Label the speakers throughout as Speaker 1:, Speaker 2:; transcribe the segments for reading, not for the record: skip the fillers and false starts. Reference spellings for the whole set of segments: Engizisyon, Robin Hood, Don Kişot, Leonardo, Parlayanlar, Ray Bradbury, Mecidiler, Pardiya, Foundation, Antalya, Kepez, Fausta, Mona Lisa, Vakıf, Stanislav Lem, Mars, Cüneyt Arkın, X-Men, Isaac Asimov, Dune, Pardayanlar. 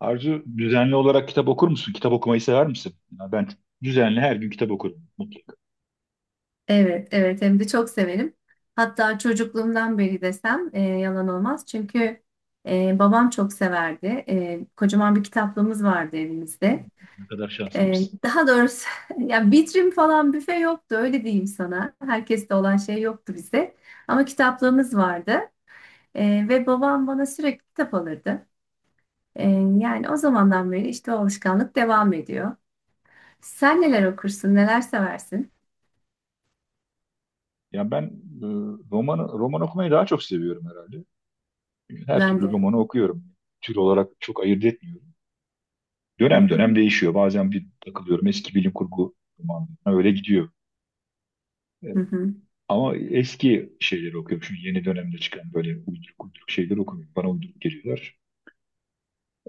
Speaker 1: Arzu düzenli olarak kitap okur musun? Kitap okumayı sever misin? Ya ben düzenli her gün kitap okurum mutlaka.
Speaker 2: Evet, evet hem de çok severim. Hatta çocukluğumdan beri desem yalan olmaz. Çünkü babam çok severdi. Kocaman bir kitaplığımız vardı evimizde.
Speaker 1: Ne kadar şanslıymışsın.
Speaker 2: Daha doğrusu ya vitrin falan büfe yoktu öyle diyeyim sana. Herkeste olan şey yoktu bizde. Ama kitaplığımız vardı. Ve babam bana sürekli kitap alırdı. E, Yani o zamandan beri işte o alışkanlık devam ediyor. Sen neler okursun, neler seversin?
Speaker 1: Ya ben e, roman okumayı daha çok seviyorum herhalde. Her
Speaker 2: Ben
Speaker 1: türlü
Speaker 2: de.
Speaker 1: romanı okuyorum. Tür olarak çok ayırt etmiyorum.
Speaker 2: Hı
Speaker 1: Dönem dönem
Speaker 2: hı,
Speaker 1: değişiyor. Bazen bir takılıyorum eski bilim kurgu romanlarına öyle gidiyor. E,
Speaker 2: hı hı.
Speaker 1: Ama eski şeyleri okuyorum. Şimdi yeni dönemde çıkan böyle uyduruk uyduruk şeyler okumuyorum. Bana uyduruk geliyorlar.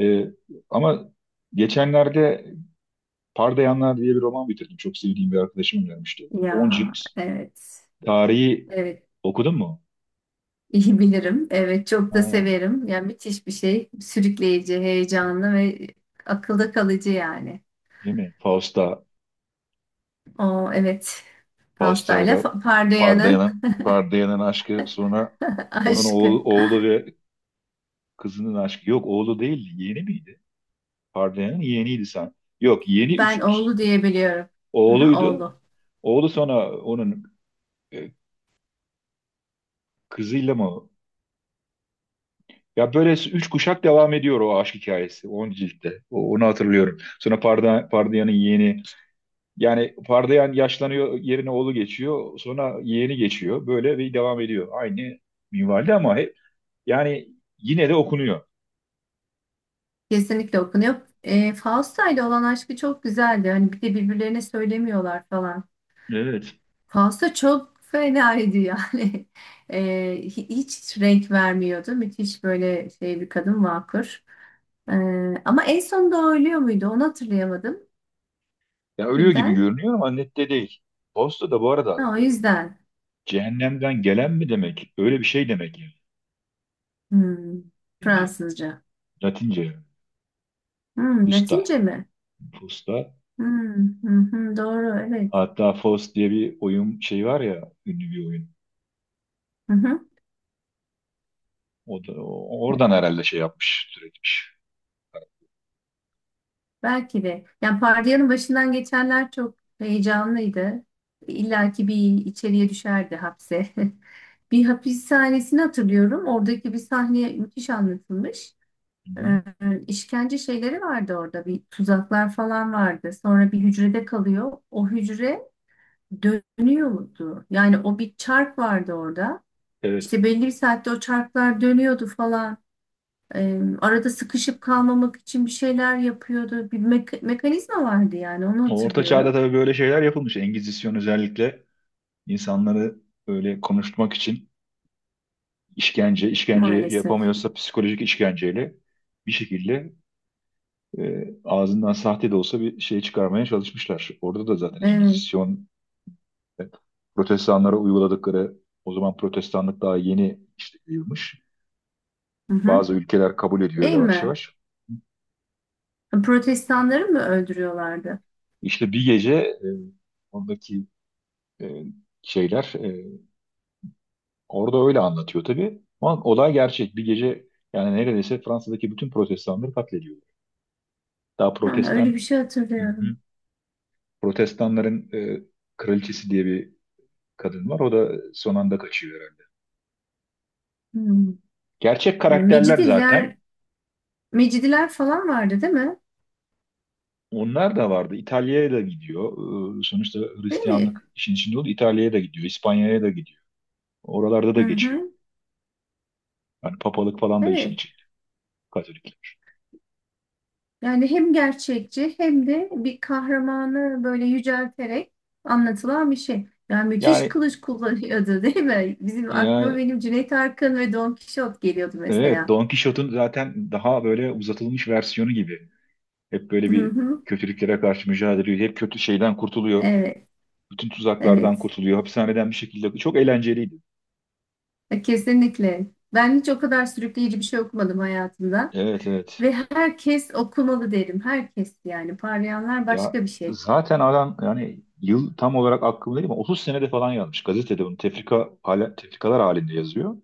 Speaker 1: E, ama geçenlerde Pardayanlar diye bir roman bitirdim. Çok sevdiğim bir arkadaşım önermişti.
Speaker 2: Ya,
Speaker 1: 10 cilt.
Speaker 2: evet.
Speaker 1: Tarihi
Speaker 2: Evet.
Speaker 1: okudun mu?
Speaker 2: iyi bilirim. Evet, çok da
Speaker 1: Ha,
Speaker 2: severim. Yani müthiş bir şey. Sürükleyici, heyecanlı ve akılda kalıcı yani.
Speaker 1: değil mi? Fausta,
Speaker 2: O evet. Pastayla
Speaker 1: Fausta'yla
Speaker 2: Pardoyan'ın
Speaker 1: Pardayan'ın aşkı, sonra onun
Speaker 2: aşkı.
Speaker 1: oğlu, oğlu ve kızının aşkı. Yok, oğlu değil, yeğeni miydi? Pardayan'ın yeğeniydi sen. Yok, yeğeni
Speaker 2: Ben
Speaker 1: üç
Speaker 2: oğlu diye biliyorum. Aha,
Speaker 1: oğluydu.
Speaker 2: oğlu.
Speaker 1: Oğlu, sonra onun e, kızıyla mı? Ya böyle üç kuşak devam ediyor o aşk hikayesi, 10 ciltte. Onu hatırlıyorum. Sonra Pardayan'ın yeğeni. Yani Pardayan yaşlanıyor, yerine oğlu geçiyor. Sonra yeğeni geçiyor. Böyle bir devam ediyor. Aynı minvalde ama hep, yani, yine de okunuyor.
Speaker 2: Kesinlikle okunuyor. Fausta ile olan aşkı çok güzeldi. Hani bir de birbirlerine söylemiyorlar falan.
Speaker 1: Evet.
Speaker 2: Fausta çok fenaydı yani. E, Hiç renk vermiyordu. Müthiş böyle şey bir kadın vakur. Ee, Ama en sonunda o ölüyor muydu? Onu hatırlayamadım.
Speaker 1: Ya ölüyor gibi
Speaker 2: Birden.
Speaker 1: görünüyor ama nette değil. Posta da bu arada
Speaker 2: Ha, o yüzden.
Speaker 1: cehennemden gelen mi demek? Öyle bir şey demek yani.
Speaker 2: Hmm,
Speaker 1: Latince.
Speaker 2: Fransızca.
Speaker 1: Latince.
Speaker 2: Hmm,
Speaker 1: Pusta.
Speaker 2: Latince mi?
Speaker 1: Pusta.
Speaker 2: Hmm, hı hı, doğru, evet.
Speaker 1: Hatta Faust diye bir oyun şey var ya, ünlü bir oyun.
Speaker 2: Hı hı,
Speaker 1: O da oradan herhalde şey yapmış, türetmiş.
Speaker 2: belki de. Yani Pardiya'nın başından geçenler çok heyecanlıydı. İlla ki bir içeriye düşerdi hapse. Bir hapishanesini hatırlıyorum. Oradaki bir sahne müthiş anlatılmış.
Speaker 1: Hı hı.
Speaker 2: Ee, işkence şeyleri vardı orada. Bir tuzaklar falan vardı. Sonra bir hücrede kalıyor. O hücre dönüyordu. Yani o bir çark vardı orada.
Speaker 1: Evet.
Speaker 2: İşte belli bir saatte o çarklar dönüyordu falan. Arada sıkışıp kalmamak için bir şeyler yapıyordu. Bir mekanizma vardı, yani onu
Speaker 1: O Orta Çağ'da
Speaker 2: hatırlıyorum
Speaker 1: tabii böyle şeyler yapılmış. Engizisyon özellikle insanları böyle konuşturmak için işkence, işkence
Speaker 2: maalesef.
Speaker 1: yapamıyorsa psikolojik işkenceyle bir şekilde ağzından sahte de olsa bir şey çıkarmaya çalışmışlar. Orada da zaten
Speaker 2: Evet.
Speaker 1: Engizisyon, E, Protestanlara uyguladıkları. O zaman Protestanlık daha yeni işte yayılmış.
Speaker 2: Hı hı.
Speaker 1: Bazı ülkeler kabul ediyor
Speaker 2: Değil
Speaker 1: yavaş
Speaker 2: mi?
Speaker 1: yavaş.
Speaker 2: Protestanları mı öldürüyorlardı?
Speaker 1: İşte bir gece oradaki e, şeyler, orada öyle anlatıyor tabii. Ama olay gerçek. Bir gece yani neredeyse Fransa'daki bütün Protestanları katlediyor. Daha
Speaker 2: Ha, öyle bir
Speaker 1: Protestan.
Speaker 2: şey
Speaker 1: Hı
Speaker 2: hatırlıyorum.
Speaker 1: hı. Protestanların kraliçesi diye bir kadın var. O da son anda kaçıyor herhalde.
Speaker 2: Hmm.
Speaker 1: Gerçek karakterler zaten.
Speaker 2: Mecidiler, Mecidiler falan vardı değil mi?
Speaker 1: Onlar da vardı. İtalya'ya da gidiyor. Sonuçta
Speaker 2: Değil mi?
Speaker 1: Hristiyanlık işin içinde oldu. İtalya'ya da gidiyor. İspanya'ya da gidiyor. Oralarda
Speaker 2: Hı
Speaker 1: da geçiyor.
Speaker 2: hı.
Speaker 1: Yani papalık falan da işin
Speaker 2: Evet.
Speaker 1: içinde. Katolikler.
Speaker 2: Yani hem gerçekçi hem de bir kahramanı böyle yücelterek anlatılan bir şey. Yani müthiş
Speaker 1: Yani,
Speaker 2: kılıç kullanıyordu değil mi? Bizim aklıma
Speaker 1: yani
Speaker 2: benim Cüneyt Arkın ve Don Kişot geliyordu
Speaker 1: evet,
Speaker 2: mesela.
Speaker 1: Don Kişot'un zaten daha böyle uzatılmış versiyonu gibi. Hep böyle
Speaker 2: Hı
Speaker 1: bir
Speaker 2: hı.
Speaker 1: kötülüklere karşı mücadele ediyor. Hep kötü şeyden kurtuluyor.
Speaker 2: Evet,
Speaker 1: Bütün tuzaklardan
Speaker 2: evet.
Speaker 1: kurtuluyor. Hapishaneden bir şekilde. Çok eğlenceliydi.
Speaker 2: Kesinlikle. Ben hiç o kadar sürükleyici bir şey okumadım hayatımda.
Speaker 1: Evet, evet.
Speaker 2: Ve herkes okumalı derim. Herkes yani. Parlayanlar
Speaker 1: Ya
Speaker 2: başka bir şey.
Speaker 1: zaten adam, yani yıl tam olarak aklımda değil ama 30 senede falan yazmış. Gazetede bunu tefrika, hala, tefrikalar halinde yazıyor.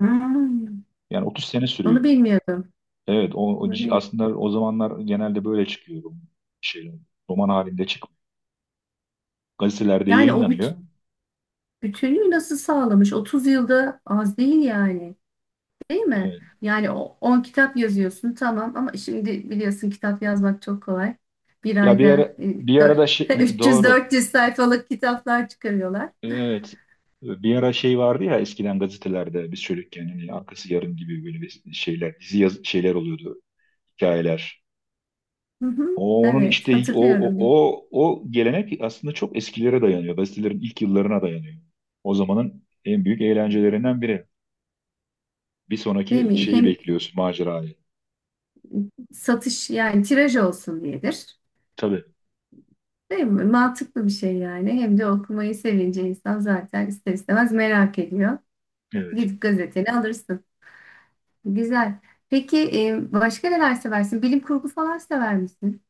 Speaker 2: Hmm,
Speaker 1: Yani 30 sene
Speaker 2: onu
Speaker 1: sürüyor.
Speaker 2: bilmiyordum.
Speaker 1: Evet, o
Speaker 2: Onu bilmiyordum.
Speaker 1: aslında o zamanlar genelde böyle çıkıyor. Şey, roman halinde çıkıyor. Gazetelerde
Speaker 2: Yani o
Speaker 1: yayınlanıyor.
Speaker 2: bütünlüğü nasıl sağlamış? 30 yılda az değil yani. Değil mi?
Speaker 1: Evet.
Speaker 2: Yani o 10 kitap yazıyorsun tamam, ama şimdi biliyorsun kitap yazmak çok kolay. Bir
Speaker 1: Ya bir
Speaker 2: ayda
Speaker 1: ara, bir
Speaker 2: dört,
Speaker 1: arada şey,
Speaker 2: üç yüz
Speaker 1: doğru.
Speaker 2: dört yüz sayfalık kitaplar çıkarıyorlar.
Speaker 1: Evet. Bir ara şey vardı ya, eskiden gazetelerde biz çocukken, hani arkası yarın gibi böyle bir şeyler, dizi yaz, şeyler oluyordu. Hikayeler.
Speaker 2: Hı hı.
Speaker 1: Onun
Speaker 2: Evet,
Speaker 1: işte
Speaker 2: hatırlıyorum.
Speaker 1: o gelenek aslında çok eskilere dayanıyor. Gazetelerin ilk yıllarına dayanıyor. O zamanın en büyük eğlencelerinden biri. Bir
Speaker 2: Değil
Speaker 1: sonraki
Speaker 2: mi?
Speaker 1: şeyi
Speaker 2: Hem
Speaker 1: bekliyorsun, macerayı.
Speaker 2: satış yani tiraj olsun diyedir.
Speaker 1: Tabii,
Speaker 2: Değil mi? Mantıklı bir şey yani. Hem de okumayı sevince insan zaten ister istemez merak ediyor.
Speaker 1: evet.
Speaker 2: Gidip gazeteni alırsın. Güzel. Peki başka neler seversin? Bilim kurgu falan sever misin?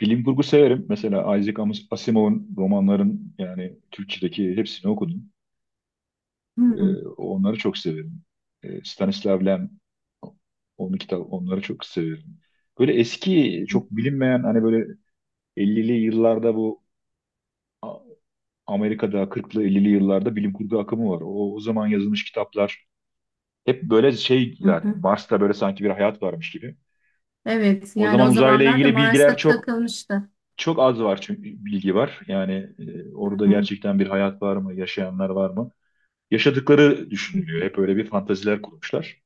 Speaker 1: Bilim kurgu severim. Mesela Asimov'un romanların, yani Türkçedeki hepsini okudum.
Speaker 2: Hı hı.
Speaker 1: Onları çok severim. Stanislav Lem, onun kitap, onları çok severim. Böyle eski, çok bilinmeyen hani böyle 50'li yıllarda, Amerika'da 40'lı 50'li yıllarda bilim kurgu akımı var. O zaman yazılmış kitaplar hep böyle şey,
Speaker 2: Hı
Speaker 1: zaten
Speaker 2: hı.
Speaker 1: Mars'ta böyle sanki bir hayat varmış gibi.
Speaker 2: Evet,
Speaker 1: O
Speaker 2: yani
Speaker 1: zaman
Speaker 2: o
Speaker 1: uzayla
Speaker 2: zamanlarda
Speaker 1: ilgili bilgiler
Speaker 2: Mars'a
Speaker 1: çok,
Speaker 2: takılmıştı.
Speaker 1: çok az var, çünkü bilgi var. Yani
Speaker 2: Hı
Speaker 1: orada
Speaker 2: hı.
Speaker 1: gerçekten bir hayat var mı, yaşayanlar var mı? Yaşadıkları
Speaker 2: Hı
Speaker 1: düşünülüyor.
Speaker 2: hı.
Speaker 1: Hep öyle bir fantaziler kurmuşlar.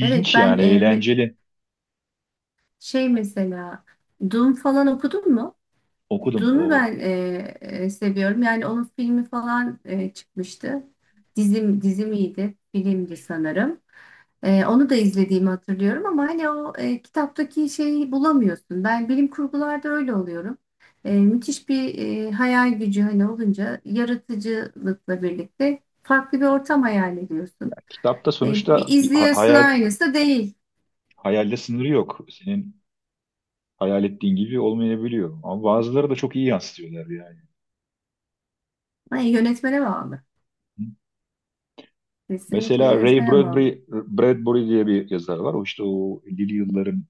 Speaker 2: Evet ben
Speaker 1: yani, eğlenceli.
Speaker 2: şey mesela Dune falan okudun mu?
Speaker 1: Okudum.
Speaker 2: Dune'u
Speaker 1: O
Speaker 2: ben seviyorum. Yani onun filmi falan çıkmıştı. Dizimiydi, filmdi sanırım. Onu da izlediğimi hatırlıyorum ama hani o kitaptaki şeyi bulamıyorsun. Ben bilim kurgularda öyle oluyorum. Müthiş bir hayal gücü hani olunca yaratıcılıkla birlikte farklı bir ortam hayal ediyorsun.
Speaker 1: kitapta
Speaker 2: Bir
Speaker 1: sonuçta
Speaker 2: izliyorsun
Speaker 1: hayal,
Speaker 2: aynısı da değil.
Speaker 1: hayalde sınırı yok. Senin hayal ettiğin gibi olmayabiliyor. Ama bazıları da çok iyi yansıtıyorlar yani.
Speaker 2: Ay, yönetmene bağlı. Kesinlikle
Speaker 1: Mesela Ray
Speaker 2: yönetmene bağlı.
Speaker 1: Bradbury diye bir yazar var. O işte o 50'li yılların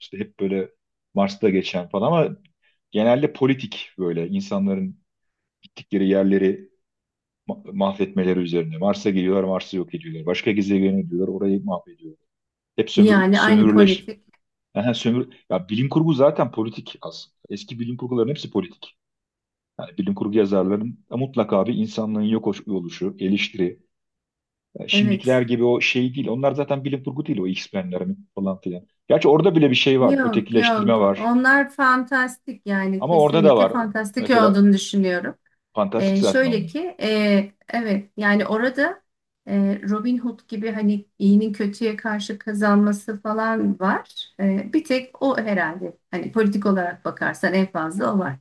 Speaker 1: işte hep böyle Mars'ta geçen falan ama genelde politik, böyle insanların gittikleri yerleri mahvetmeleri üzerine. Mars'a geliyorlar, Mars'ı yok ediyorlar. Başka gezegene gidiyorlar, orayı mahvediyorlar. Hep sömür,
Speaker 2: Yani aynı
Speaker 1: sömürüleş.
Speaker 2: politik.
Speaker 1: Aha, sömür, ya bilim kurgu zaten politik aslında. Eski bilim kurguların hepsi politik. Yani bilim kurgu yazarların mutlaka bir insanlığın yok oluşu, eleştiri. Şimdikiler
Speaker 2: Evet.
Speaker 1: gibi o şey değil. Onlar zaten bilim kurgu değil, o X-Men'ler falan filan. Gerçi orada bile bir şey var.
Speaker 2: Yok
Speaker 1: Ötekileştirme
Speaker 2: yok.
Speaker 1: var.
Speaker 2: Onlar fantastik, yani
Speaker 1: Ama orada da
Speaker 2: kesinlikle
Speaker 1: var.
Speaker 2: fantastik
Speaker 1: Mesela
Speaker 2: olduğunu düşünüyorum.
Speaker 1: fantastik zaten
Speaker 2: Şöyle
Speaker 1: onlar.
Speaker 2: ki evet, yani orada Robin Hood gibi hani iyinin kötüye karşı kazanması falan var. Bir tek o herhalde, hani politik olarak bakarsan en fazla o var.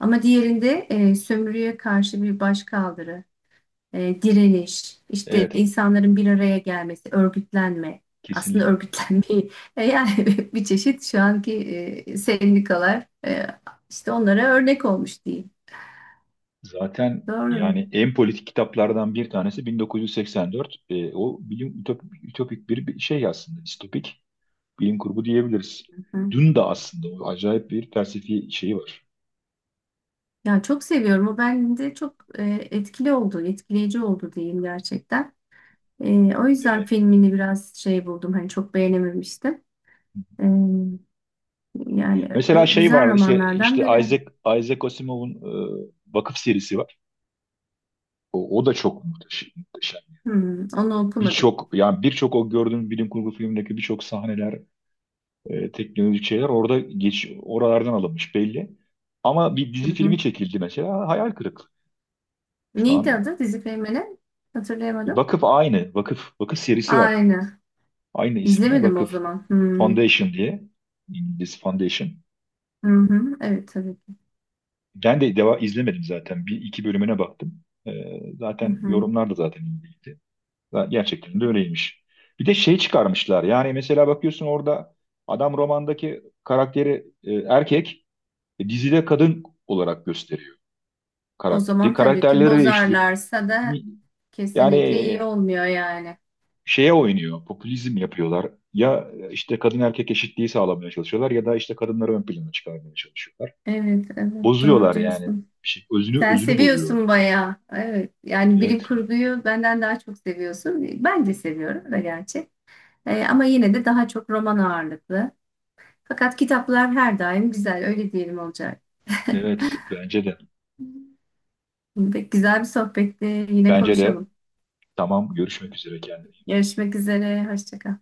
Speaker 2: Ama diğerinde sömürüye karşı bir başkaldırı, direniş, işte
Speaker 1: Evet,
Speaker 2: insanların bir araya gelmesi, örgütlenme. Aslında
Speaker 1: kesinlikle.
Speaker 2: örgütlenmeyi yani bir çeşit şu anki sendikalar, işte onlara örnek olmuş diyeyim.
Speaker 1: Zaten
Speaker 2: Doğru.
Speaker 1: yani en politik kitaplardan bir tanesi 1984. E, o bilim ütopik, ütopik bir şey aslında. Distopik bilim kurgu diyebiliriz.
Speaker 2: Hı.
Speaker 1: Dün de aslında o acayip bir felsefi şeyi var.
Speaker 2: Ya çok seviyorum. O bende çok etkili oldu, etkileyici oldu diyeyim gerçekten. O yüzden
Speaker 1: E,
Speaker 2: filmini biraz şey buldum. Hani çok beğenememiştim. E,
Speaker 1: mesela şey
Speaker 2: güzel
Speaker 1: var, işte
Speaker 2: romanlardan biri.
Speaker 1: Isaac Asimov'un Vakıf serisi var. O da çok muhteşem, muhteşem.
Speaker 2: Hmm, onu okumadım.
Speaker 1: Birçok, yani birçok o gördüğüm bilim kurgu filmindeki birçok sahneler, teknolojik şeyler orada geç oralardan alınmış belli. Ama bir
Speaker 2: Hı
Speaker 1: dizi filmi
Speaker 2: hı.
Speaker 1: çekildi, mesela hayal kırıklığı. Şu
Speaker 2: Neydi
Speaker 1: an
Speaker 2: adı dizi filminin? Hatırlayamadım.
Speaker 1: Vakıf aynı. Vakıf serisi var.
Speaker 2: Aynı.
Speaker 1: Aynı isimle
Speaker 2: İzlemedim o
Speaker 1: Vakıf,
Speaker 2: zaman. Hmm.
Speaker 1: Foundation diye. İngiliz Foundation.
Speaker 2: Hı hı. Evet tabii ki.
Speaker 1: Ben de deva izlemedim zaten. Bir iki bölümüne baktım. E,
Speaker 2: Hı
Speaker 1: zaten
Speaker 2: hı.
Speaker 1: yorumlar da zaten iyiydi. Gerçekten de öyleymiş. Bir de şey çıkarmışlar. Yani mesela bakıyorsun orada adam romandaki karakteri erkek, dizide kadın olarak gösteriyor
Speaker 2: O
Speaker 1: karakter.
Speaker 2: zaman tabii ki
Speaker 1: Karakterleri değişti.
Speaker 2: bozarlarsa da
Speaker 1: Yani
Speaker 2: kesinlikle iyi olmuyor yani.
Speaker 1: şeye oynuyor, popülizm yapıyorlar. Ya işte kadın erkek eşitliği sağlamaya çalışıyorlar ya da işte kadınları ön plana çıkarmaya çalışıyorlar.
Speaker 2: Evet, evet doğru
Speaker 1: Bozuyorlar yani.
Speaker 2: diyorsun.
Speaker 1: Bir şey, özünü
Speaker 2: Sen
Speaker 1: özünü bozuyor.
Speaker 2: seviyorsun bayağı. Evet. Yani bilim
Speaker 1: Evet,
Speaker 2: kurguyu benden daha çok seviyorsun. Ben de seviyorum da gerçi. Ama yine de daha çok roman ağırlıklı. Fakat kitaplar her daim güzel. Öyle diyelim olacak.
Speaker 1: evet, bence de.
Speaker 2: Pek güzel bir sohbetti. Yine
Speaker 1: Bence de.
Speaker 2: konuşalım.
Speaker 1: Tamam, görüşmek üzere, kendine.
Speaker 2: Görüşmek üzere. Hoşça kal.